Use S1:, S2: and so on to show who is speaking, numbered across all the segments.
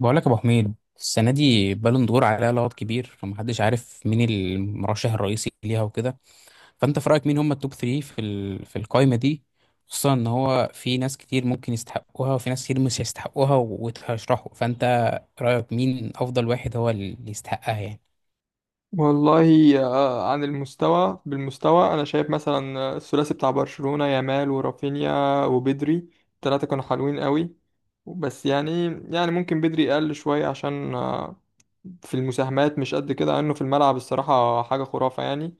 S1: بقول لك يا ابو حميد، السنه دي بالون دور عليها لغط كبير، فمحدش عارف مين المرشح الرئيسي ليها وكده. فانت في رايك مين هم التوب 3 في القائمه دي؟ خصوصا ان هو في ناس كتير ممكن يستحقوها وفي ناس كتير مش هيستحقوها وتشرحوا. فانت رايك مين افضل واحد هو اللي يستحقها يعني؟
S2: والله، عن المستوى بالمستوى انا شايف مثلا الثلاثي بتاع برشلونة يامال ورافينيا وبدري. الثلاثه كانوا حلوين قوي، بس يعني، ممكن بدري اقل شويه، عشان في المساهمات مش قد كده، انه في الملعب الصراحه حاجه خرافه يعني.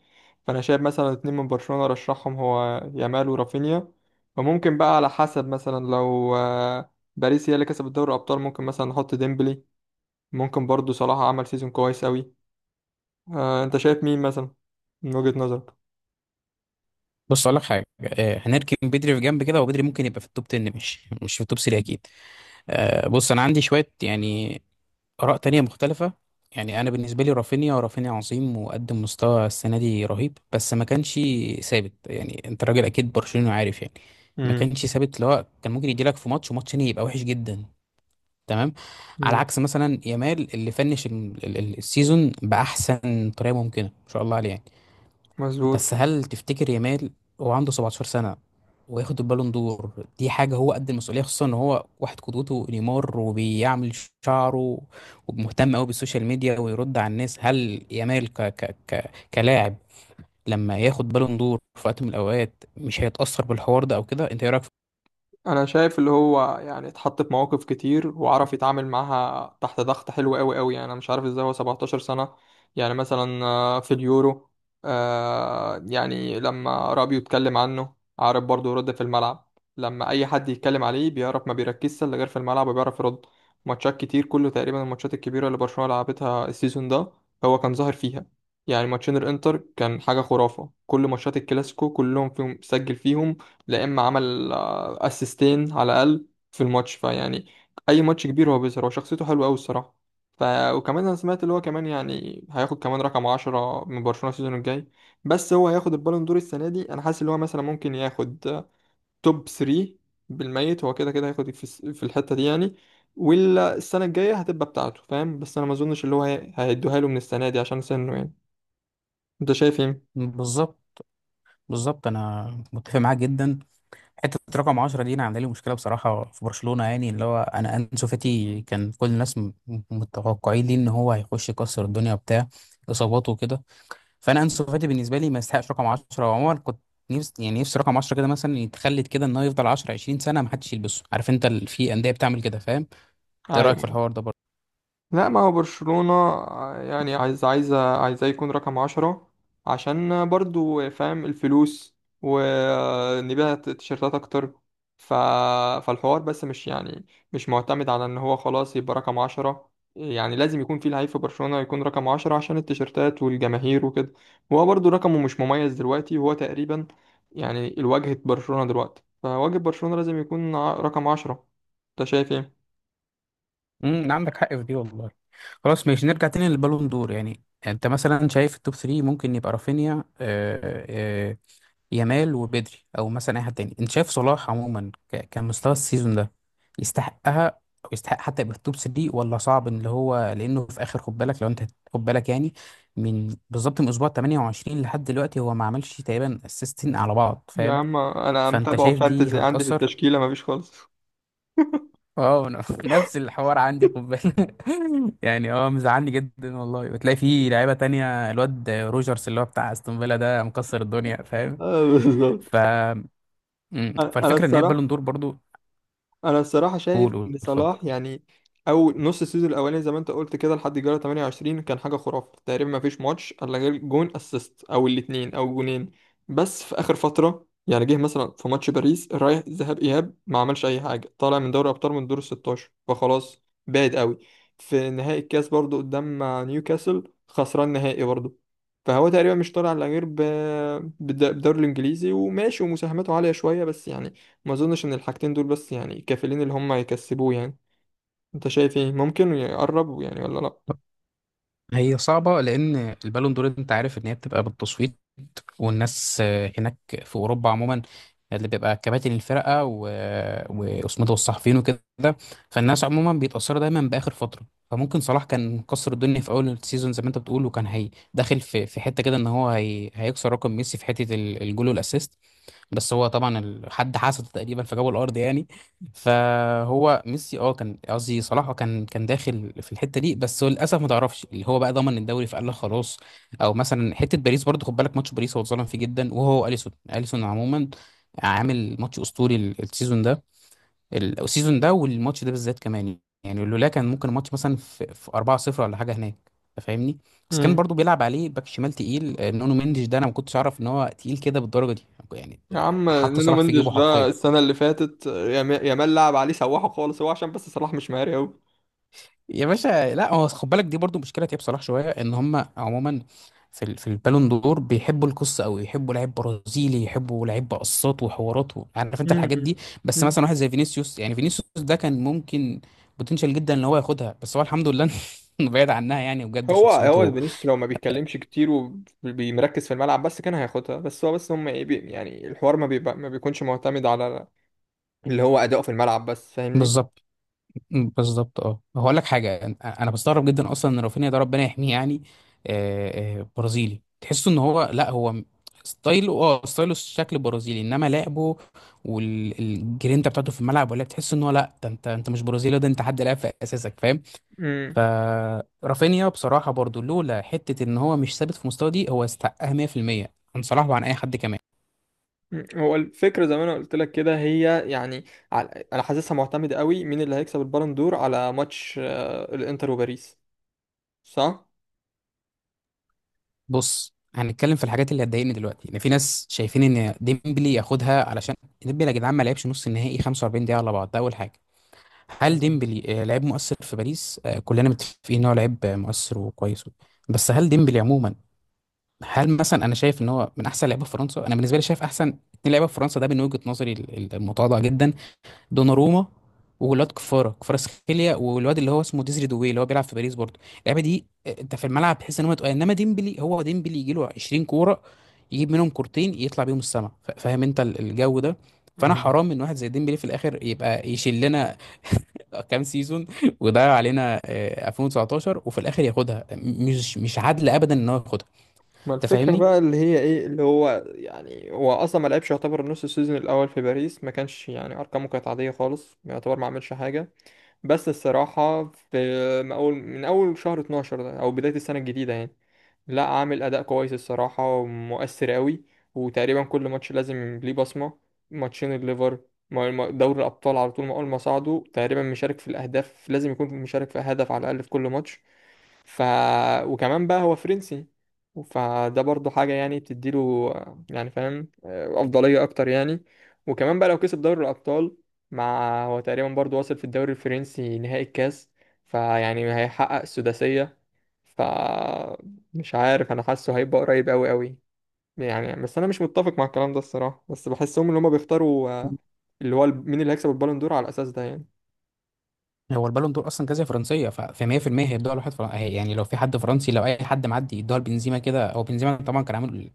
S2: فانا شايف مثلا 2 من برشلونة رشحهم هو، يامال ورافينيا. وممكن بقى على حسب، مثلا لو باريس هي اللي كسبت دوري الابطال، ممكن مثلا نحط ديمبلي. ممكن برضو صلاح عمل سيزون كويس قوي. انت شايف مين مثلا، من وجهة نظرك؟
S1: بص اقول لك حاجه. هنركن بدري في جنب كده، وبدري ممكن يبقى في التوب 10، مش في التوب 3 اكيد. بص انا عندي شويه يعني آراء تانية مختلفة. يعني أنا بالنسبة لي رافينيا عظيم وقدم مستوى السنة دي رهيب، بس ما كانش ثابت. يعني أنت راجل أكيد برشلوني وعارف يعني. ما
S2: امم.
S1: كانش ثابت، اللي هو كان ممكن يجيلك في ماتش وماتش تاني يبقى وحش جدا. تمام؟ على عكس مثلا يامال اللي فنش السيزون بأحسن طريقة ممكنة، ما شاء الله عليه يعني.
S2: مظبوط.
S1: بس هل تفتكر يامال، هو عنده 17 سنة وياخد البالون دور، دي حاجة هو قد المسؤولية؟ خصوصا ان هو واحد قدوته نيمار، وبيعمل شعره، ومهتم قوي بالسوشيال ميديا ويرد على الناس. هل يامال ك ك ك كلاعب لما ياخد بالون دور في وقت من الاوقات مش هيتأثر بالحوار ده او كده؟ انت ايه رأيك في-
S2: انا شايف اللي هو يعني اتحط في مواقف كتير وعرف يتعامل معاها تحت ضغط حلو قوي قوي. يعني انا مش عارف ازاي هو 17 سنة. يعني مثلا في اليورو، يعني لما رابيو اتكلم عنه، عارف برضه يرد في الملعب. لما اي حد يتكلم عليه بيعرف، ما بيركزش الا غير في الملعب وبيعرف يرد. ماتشات كتير، كله تقريبا الماتشات الكبيرة اللي برشلونة لعبتها السيزون ده هو كان ظاهر فيها. يعني ماتشين الانتر كان حاجة خرافة، كل ماتشات الكلاسيكو كلهم فيهم سجل فيهم، لا اما عمل اسيستين على الاقل في الماتش. فيعني اي ماتش كبير هو بيظهر. هو شخصيته حلوه قوي الصراحه. ف وكمان انا سمعت اللي هو كمان يعني هياخد كمان رقم 10 من برشلونه السيزون الجاي. بس هو هياخد البالون دور السنه دي؟ انا حاسس اللي هو مثلا ممكن ياخد توب 3 بالميت. هو كده كده هياخد في في الحته دي يعني. والسنه الجايه هتبقى بتاعته، فاهم. بس انا ما اظنش اللي هو هيدوها له من السنه دي، عشان سنه يعني. انت شايف ايه؟
S1: بالظبط. بالظبط، انا متفق معاك جدا. حته رقم 10 دي انا عامله لي مشكله بصراحه في برشلونه، يعني اللي هو انا انسو فاتي كان كل الناس متوقعين ليه ان هو هيخش يكسر الدنيا، بتاع اصاباته وكده. فانا انسو فاتي بالنسبه لي ما يستحقش رقم 10. وعموما كنت نفسي، نفسي رقم 10 كده مثلا يتخلد، كده ان هو يفضل 10 20 سنه ما حدش يلبسه. عارف انت في انديه بتعمل كده، فاهم؟ انت إيه رايك في
S2: ايوه.
S1: الحوار ده برضه؟
S2: لا، ما هو برشلونة يعني عايزاه يكون رقم 10، عشان برضو فاهم الفلوس، ونبيع تيشيرتات أكتر. ف... فالحوار، بس مش يعني، مش معتمد على إن هو خلاص يبقى رقم 10. يعني لازم يكون في لعيب في برشلونة يكون رقم 10، عشان التيشيرتات والجماهير وكده. وهو برضو رقمه مش مميز دلوقتي، وهو تقريبا يعني الواجهة، برشلونة دلوقتي، فواجهة برشلونة لازم يكون رقم 10. أنت شايف إيه؟
S1: امم، عندك حق في دي والله. خلاص ماشي، نرجع تاني للبالون دور. يعني انت مثلا شايف التوب 3 ممكن يبقى رافينيا، يامال، وبدري؟ او مثلا اي حد تاني؟ انت شايف صلاح عموما كمستوى السيزون ده يستحقها، او يستحق حتى يبقى في التوب 3؟ ولا صعب ان هو، لانه في اخر، خد بالك، لو انت خد بالك يعني من بالظبط من اسبوع 28 لحد دلوقتي هو ما عملش تقريبا اسيستين على بعض،
S2: يا
S1: فاهم؟
S2: عم، انا
S1: فانت
S2: متابعه
S1: شايف دي
S2: فانتزي عندي في
S1: هتأثر؟
S2: التشكيله، مفيش خالص
S1: اه أنا نفس الحوار عندي، خد بالك. يعني اه مزعلني جدا والله. وتلاقي في لعيبه تانية، الواد روجرز اللي هو بتاع استون فيلا ده مكسر الدنيا، فاهم؟
S2: اه، بالظبط.
S1: ف-
S2: انا أنا
S1: فالفكره ان هي البالون
S2: الصراحه
S1: دور برضو.
S2: انا الصراحه
S1: قول
S2: شايف
S1: قول
S2: ان
S1: اتفضل.
S2: صلاح يعني، او نص السيزون الاولاني، زي ما انت قلت كده، لحد الجوله 28 كان حاجه خرافه. تقريبا ما فيش ماتش الا غير جون اسيست، او الاثنين، او جونين. بس في اخر فتره، يعني جه مثلا في ماتش باريس رايح، ذهاب اياب ما عملش اي حاجه، طالع من دوري ابطال من دور ال 16. فخلاص، بعيد قوي. في نهائي الكاس برضو قدام نيوكاسل، خسران نهائي برضو. فهو تقريبا مش طالع الا غير بالدوري الانجليزي، وماشي، ومساهماته عاليه شويه، بس يعني ما اظنش ان الحاجتين دول بس يعني كافلين اللي هم يكسبوه يعني. انت شايف ايه، ممكن يقربوا يعني ولا لا؟
S1: هي صعبه، لان البالون دور انت عارف ان هي بتبقى بالتصويت، والناس هناك في اوروبا عموما، اللي بيبقى كباتن الفرقه واسمه ده، والصحفيين وكده. فالناس عموما بيتاثروا دايما باخر فتره. فممكن صلاح كان مكسر الدنيا في اول السيزون زي ما انت بتقول، وكان داخل في حته كده ان هو هيكسر رقم ميسي في حته الجول والاسيست. بس هو طبعا حد حسده تقريبا فجابه الارض يعني. فهو ميسي اه كان قصدي صلاح، كان داخل في الحته دي، بس هو للاسف ما تعرفش اللي هو بقى ضمن الدوري فقال لك خلاص. او مثلا حته باريس برضه، خد بالك ماتش باريس هو اتظلم فيه جدا. وهو اليسون عموما عامل ماتش اسطوري السيزون ده. والماتش ده بالذات كمان يعني لولا، كان ممكن الماتش مثلا في 4-0 ولا حاجه هناك، انت فاهمني. بس كان
S2: امم.
S1: برضو بيلعب عليه باك شمال تقيل، نونو مندش ده انا ما كنتش اعرف ان هو تقيل كده بالدرجه دي. يعني
S2: يا عم،
S1: حط
S2: نونو
S1: صلاح في
S2: مندش
S1: جيبه
S2: ده
S1: حرفيا.
S2: السنه اللي فاتت يامال لعب عليه سواحه خالص. هو عشان بس صلاح مش مهاري قوي.
S1: يا باشا لا، هو خد بالك دي برضو مشكله تياب صلاح شويه، ان هم عموما في في البالون دور بيحبوا القصه قوي، يحبوا لعيب برازيلي، يحبوا لعيب قصات وحوارات، عارف انت الحاجات دي. بس مثلا واحد زي فينيسيوس، يعني فينيسيوس ده كان ممكن، بوتنشال جدا ان هو ياخدها، بس هو الحمد لله بعيد عنها يعني بجد
S2: هو
S1: شخصيته.
S2: فينيسيوس لو ما بيتكلمش كتير وبيمركز في الملعب بس كان هياخدها. بس هو، بس هم ايه، يعني الحوار ما بيكونش معتمد على اللي هو اداؤه في الملعب بس، فاهمني.
S1: بالظبط. مم، بالظبط. اه هقول لك حاجه انا، أنا بستغرب جدا اصلا ان رافينيا ده، ربنا يحميه يعني، برازيلي تحسه ان هو لا، ستايله، ستايله شكل برازيلي، انما لعبه والجرينتا بتاعته في الملعب، ولا تحس ان هو لا ده انت انت مش برازيلي، ده انت حد لعب في اساسك، فاهم؟ فرافينيا بصراحه برضو، لولا حته ان هو مش ثابت في مستوى دي، هو استحقها 100%، عن صلاح وعن اي حد كمان.
S2: مم. هو الفكرة زي ما انا قلت لك كده هي، يعني، انا حاسسها معتمدة قوي، مين اللي هيكسب البالون دور على ماتش الانتر وباريس، صح؟
S1: بص هنتكلم في الحاجات اللي هتضايقني دلوقتي. ان في ناس شايفين ان ديمبلي ياخدها، علشان ديمبلي يا جدعان ما لعبش نص النهائي 45 دقيقه على بعض، ده اول حاجه. هل
S2: مهم.
S1: ديمبلي لعيب مؤثر في باريس؟ كلنا متفقين ان هو لعيب مؤثر وكويس. بس هل ديمبلي عموما، هل مثلا انا شايف ان هو من احسن لعيبه في فرنسا؟ انا بالنسبه لي شايف احسن اتنين لعيبه في فرنسا ده من وجهه نظري المتواضعه جدا، دوناروما، وولاد كفاره، كفاراتسخيليا، والواد اللي هو اسمه ديزري دوي اللي هو بيلعب في باريس برضه. اللعيبه دي انت في الملعب تحس ان هو تقال، انما ديمبلي هو ديمبلي يجي له 20 كوره يجيب منهم كورتين يطلع بيهم السما. فاهم انت الجو ده؟ فانا
S2: مهم.
S1: حرام ان واحد زي ديمبلي في الاخر يبقى يشيل لنا كام سيزون ويضيع علينا 2019 وفي الاخر ياخدها، مش عادل ابدا ان هو ياخدها،
S2: ما
S1: انت
S2: الفكرة
S1: فاهمني؟
S2: بقى اللي هي ايه، اللي هو يعني هو اصلا ما لعبش، يعتبر نص السيزون الاول في باريس ما كانش، يعني ارقامه كانت عادية خالص، يعتبر ما عملش حاجة. بس الصراحة، في من أول شهر 12 ده، أو بداية السنة الجديدة يعني، لا، عامل أداء كويس الصراحة، ومؤثر قوي، وتقريبا كل ماتش لازم ليه بصمة. ماتشين الليفر، دوري الأبطال على طول، ما أول ما صعدوا تقريبا مشارك في الأهداف، لازم يكون مشارك في هدف على الأقل في كل ماتش. ف وكمان بقى هو فرنسي، فده برضه حاجة يعني بتديله، يعني فاهم، أفضلية أكتر يعني. وكمان بقى لو كسب دوري الأبطال، مع هو تقريبا برضه واصل في الدوري الفرنسي، نهائي الكاس، فيعني هيحقق السداسية. ف مش عارف، أنا حاسه هيبقى قريب أوي أوي، يعني. بس أنا مش متفق مع الكلام ده الصراحة، بس بحسهم إن هما بيختاروا اللي هو مين اللي هيكسب البالون دور على الأساس ده يعني.
S1: هو البالون دور اصلا جائزه فرنسيه، ف 100% هيدوها لواحد فرنسي يعني لو في حد فرنسي. لو اي حد معدي يدوها لبنزيما كده، هو بنزيما طبعا كان عامل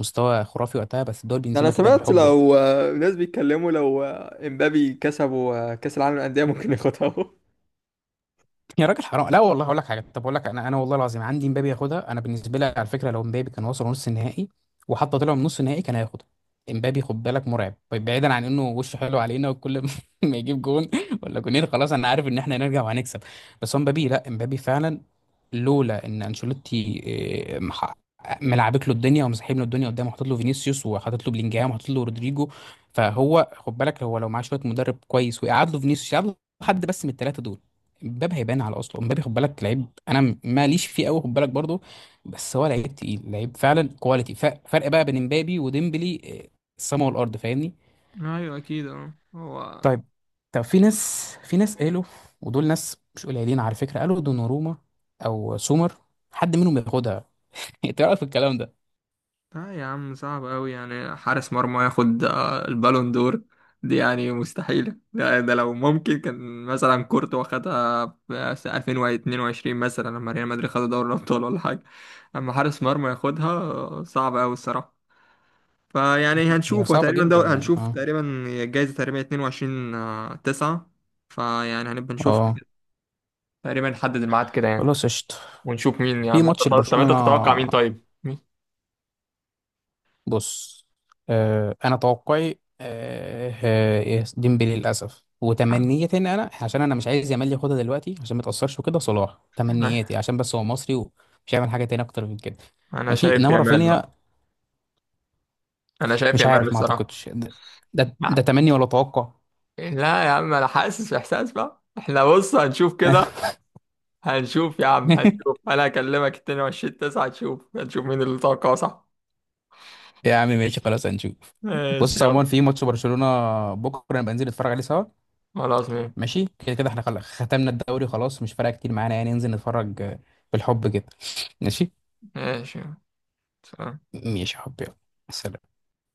S1: مستوى خرافي وقتها، بس ادوها
S2: ده انا
S1: لبنزيما كده
S2: سمعت،
S1: بالحب يعني.
S2: لو ناس بيتكلموا لو امبابي كسبوا كاس العالم للانديه، ممكن ياخدها اهو.
S1: يا راجل حرام، لا والله هقول لك حاجه. طب اقول لك انا، انا والله العظيم عندي مبابي ياخدها. انا بالنسبه لي على فكره لو مبابي كان وصل نص النهائي وحتى طلع من نص النهائي كان هياخدها. مبابي خد بالك مرعب. طيب بعيدا عن انه وشه حلو علينا، وكل ما ما يجيب جون ولا جونين خلاص انا عارف ان احنا هنرجع وهنكسب. بس هو مبابي، لا مبابي فعلا، لولا ان انشيلوتي آه، مح- ملعبك له الدنيا، ومسحب له الدنيا قدامه، وحاطط له فينيسيوس، وحاطط له بلينجهام، وحاطط له رودريجو. فهو خد بالك، هو لو معاه شويه مدرب كويس، ويقعد له فينيسيوس، يقعد له حد بس من الثلاثه دول، مبابي هيبان على اصله. مبابي خد بالك لعيب انا ماليش فيه قوي، خد بالك برضه. بس هو لعيب تقيل، لعيب فعلا كواليتي. فرق بقى بين مبابي وديمبلي، السما والارض، فاهمني؟
S2: ايوه، اكيد. اه. هو
S1: طيب، طب في ناس، قالوا، ودول ناس مش قليلين على فكره، قالوا دوناروما او سومر حد منهم ياخدها. انت رايك في الكلام ده؟
S2: لا يا عم، صعب قوي يعني حارس مرمى ياخد البالون دور دي، يعني مستحيلة. ده لو ممكن، كان مثلا كورتوا خدها في سنة 2022 مثلا، لما ريال مدريد خدوا دوري الابطال ولا حاجة. اما حارس مرمى ياخدها، صعب قوي الصراحة. فيعني
S1: هي
S2: هنشوف،
S1: صعبه
S2: وتقريبا
S1: جدا يعني،
S2: هنشوف
S1: اه.
S2: تقريبا الجايزة تقريبا 22/9، فيعني هنبقى نشوف،
S1: اه
S2: تقريبا نحدد الميعاد كده يعني،
S1: خلاص قشطه،
S2: ونشوف مين، يا
S1: في
S2: عم انت.
S1: ماتش
S2: طب انت
S1: لبرشلونه.
S2: تتوقع مين، طيب، مين؟
S1: بص، آه انا توقعي آه، ديمبلي للاسف. وتمنيتي ان انا، عشان انا مش عايز يامال ياخدها دلوقتي عشان ما تاثرش وكده، صلاح تمنياتي عشان بس هو مصري، ومش هيعمل حاجه تاني اكتر من كده.
S2: انا
S1: ماشي،
S2: شايف
S1: انما
S2: يامال بقى.
S1: رافينيا،
S2: انا شايف
S1: مش
S2: يامال
S1: عارف، ما
S2: الصراحه.
S1: اعتقدش. ده، ده
S2: لا،
S1: تمني ولا توقع؟
S2: لا يا عم، انا حاسس احساس بقى. احنا بص هنشوف كده، هنشوف يا عم، هنشوف. انا هكلمك 22/9، هنشوف، مين اللي توقعه صح.
S1: يا عم ماشي، خلاص هنشوف.
S2: ماشي،
S1: بص عموما
S2: يلا.
S1: في ماتش برشلونه بكره، نبقى ننزل نتفرج عليه سوا.
S2: خلاص، ماشي.
S1: ماشي كده كده احنا خلاص ختمنا الدوري، خلاص مش فارقه كتير معانا يعني. ننزل نتفرج بالحب كده. ماشي.
S2: ماشي. سلام.
S1: ماشي يا حبيبي، سلام.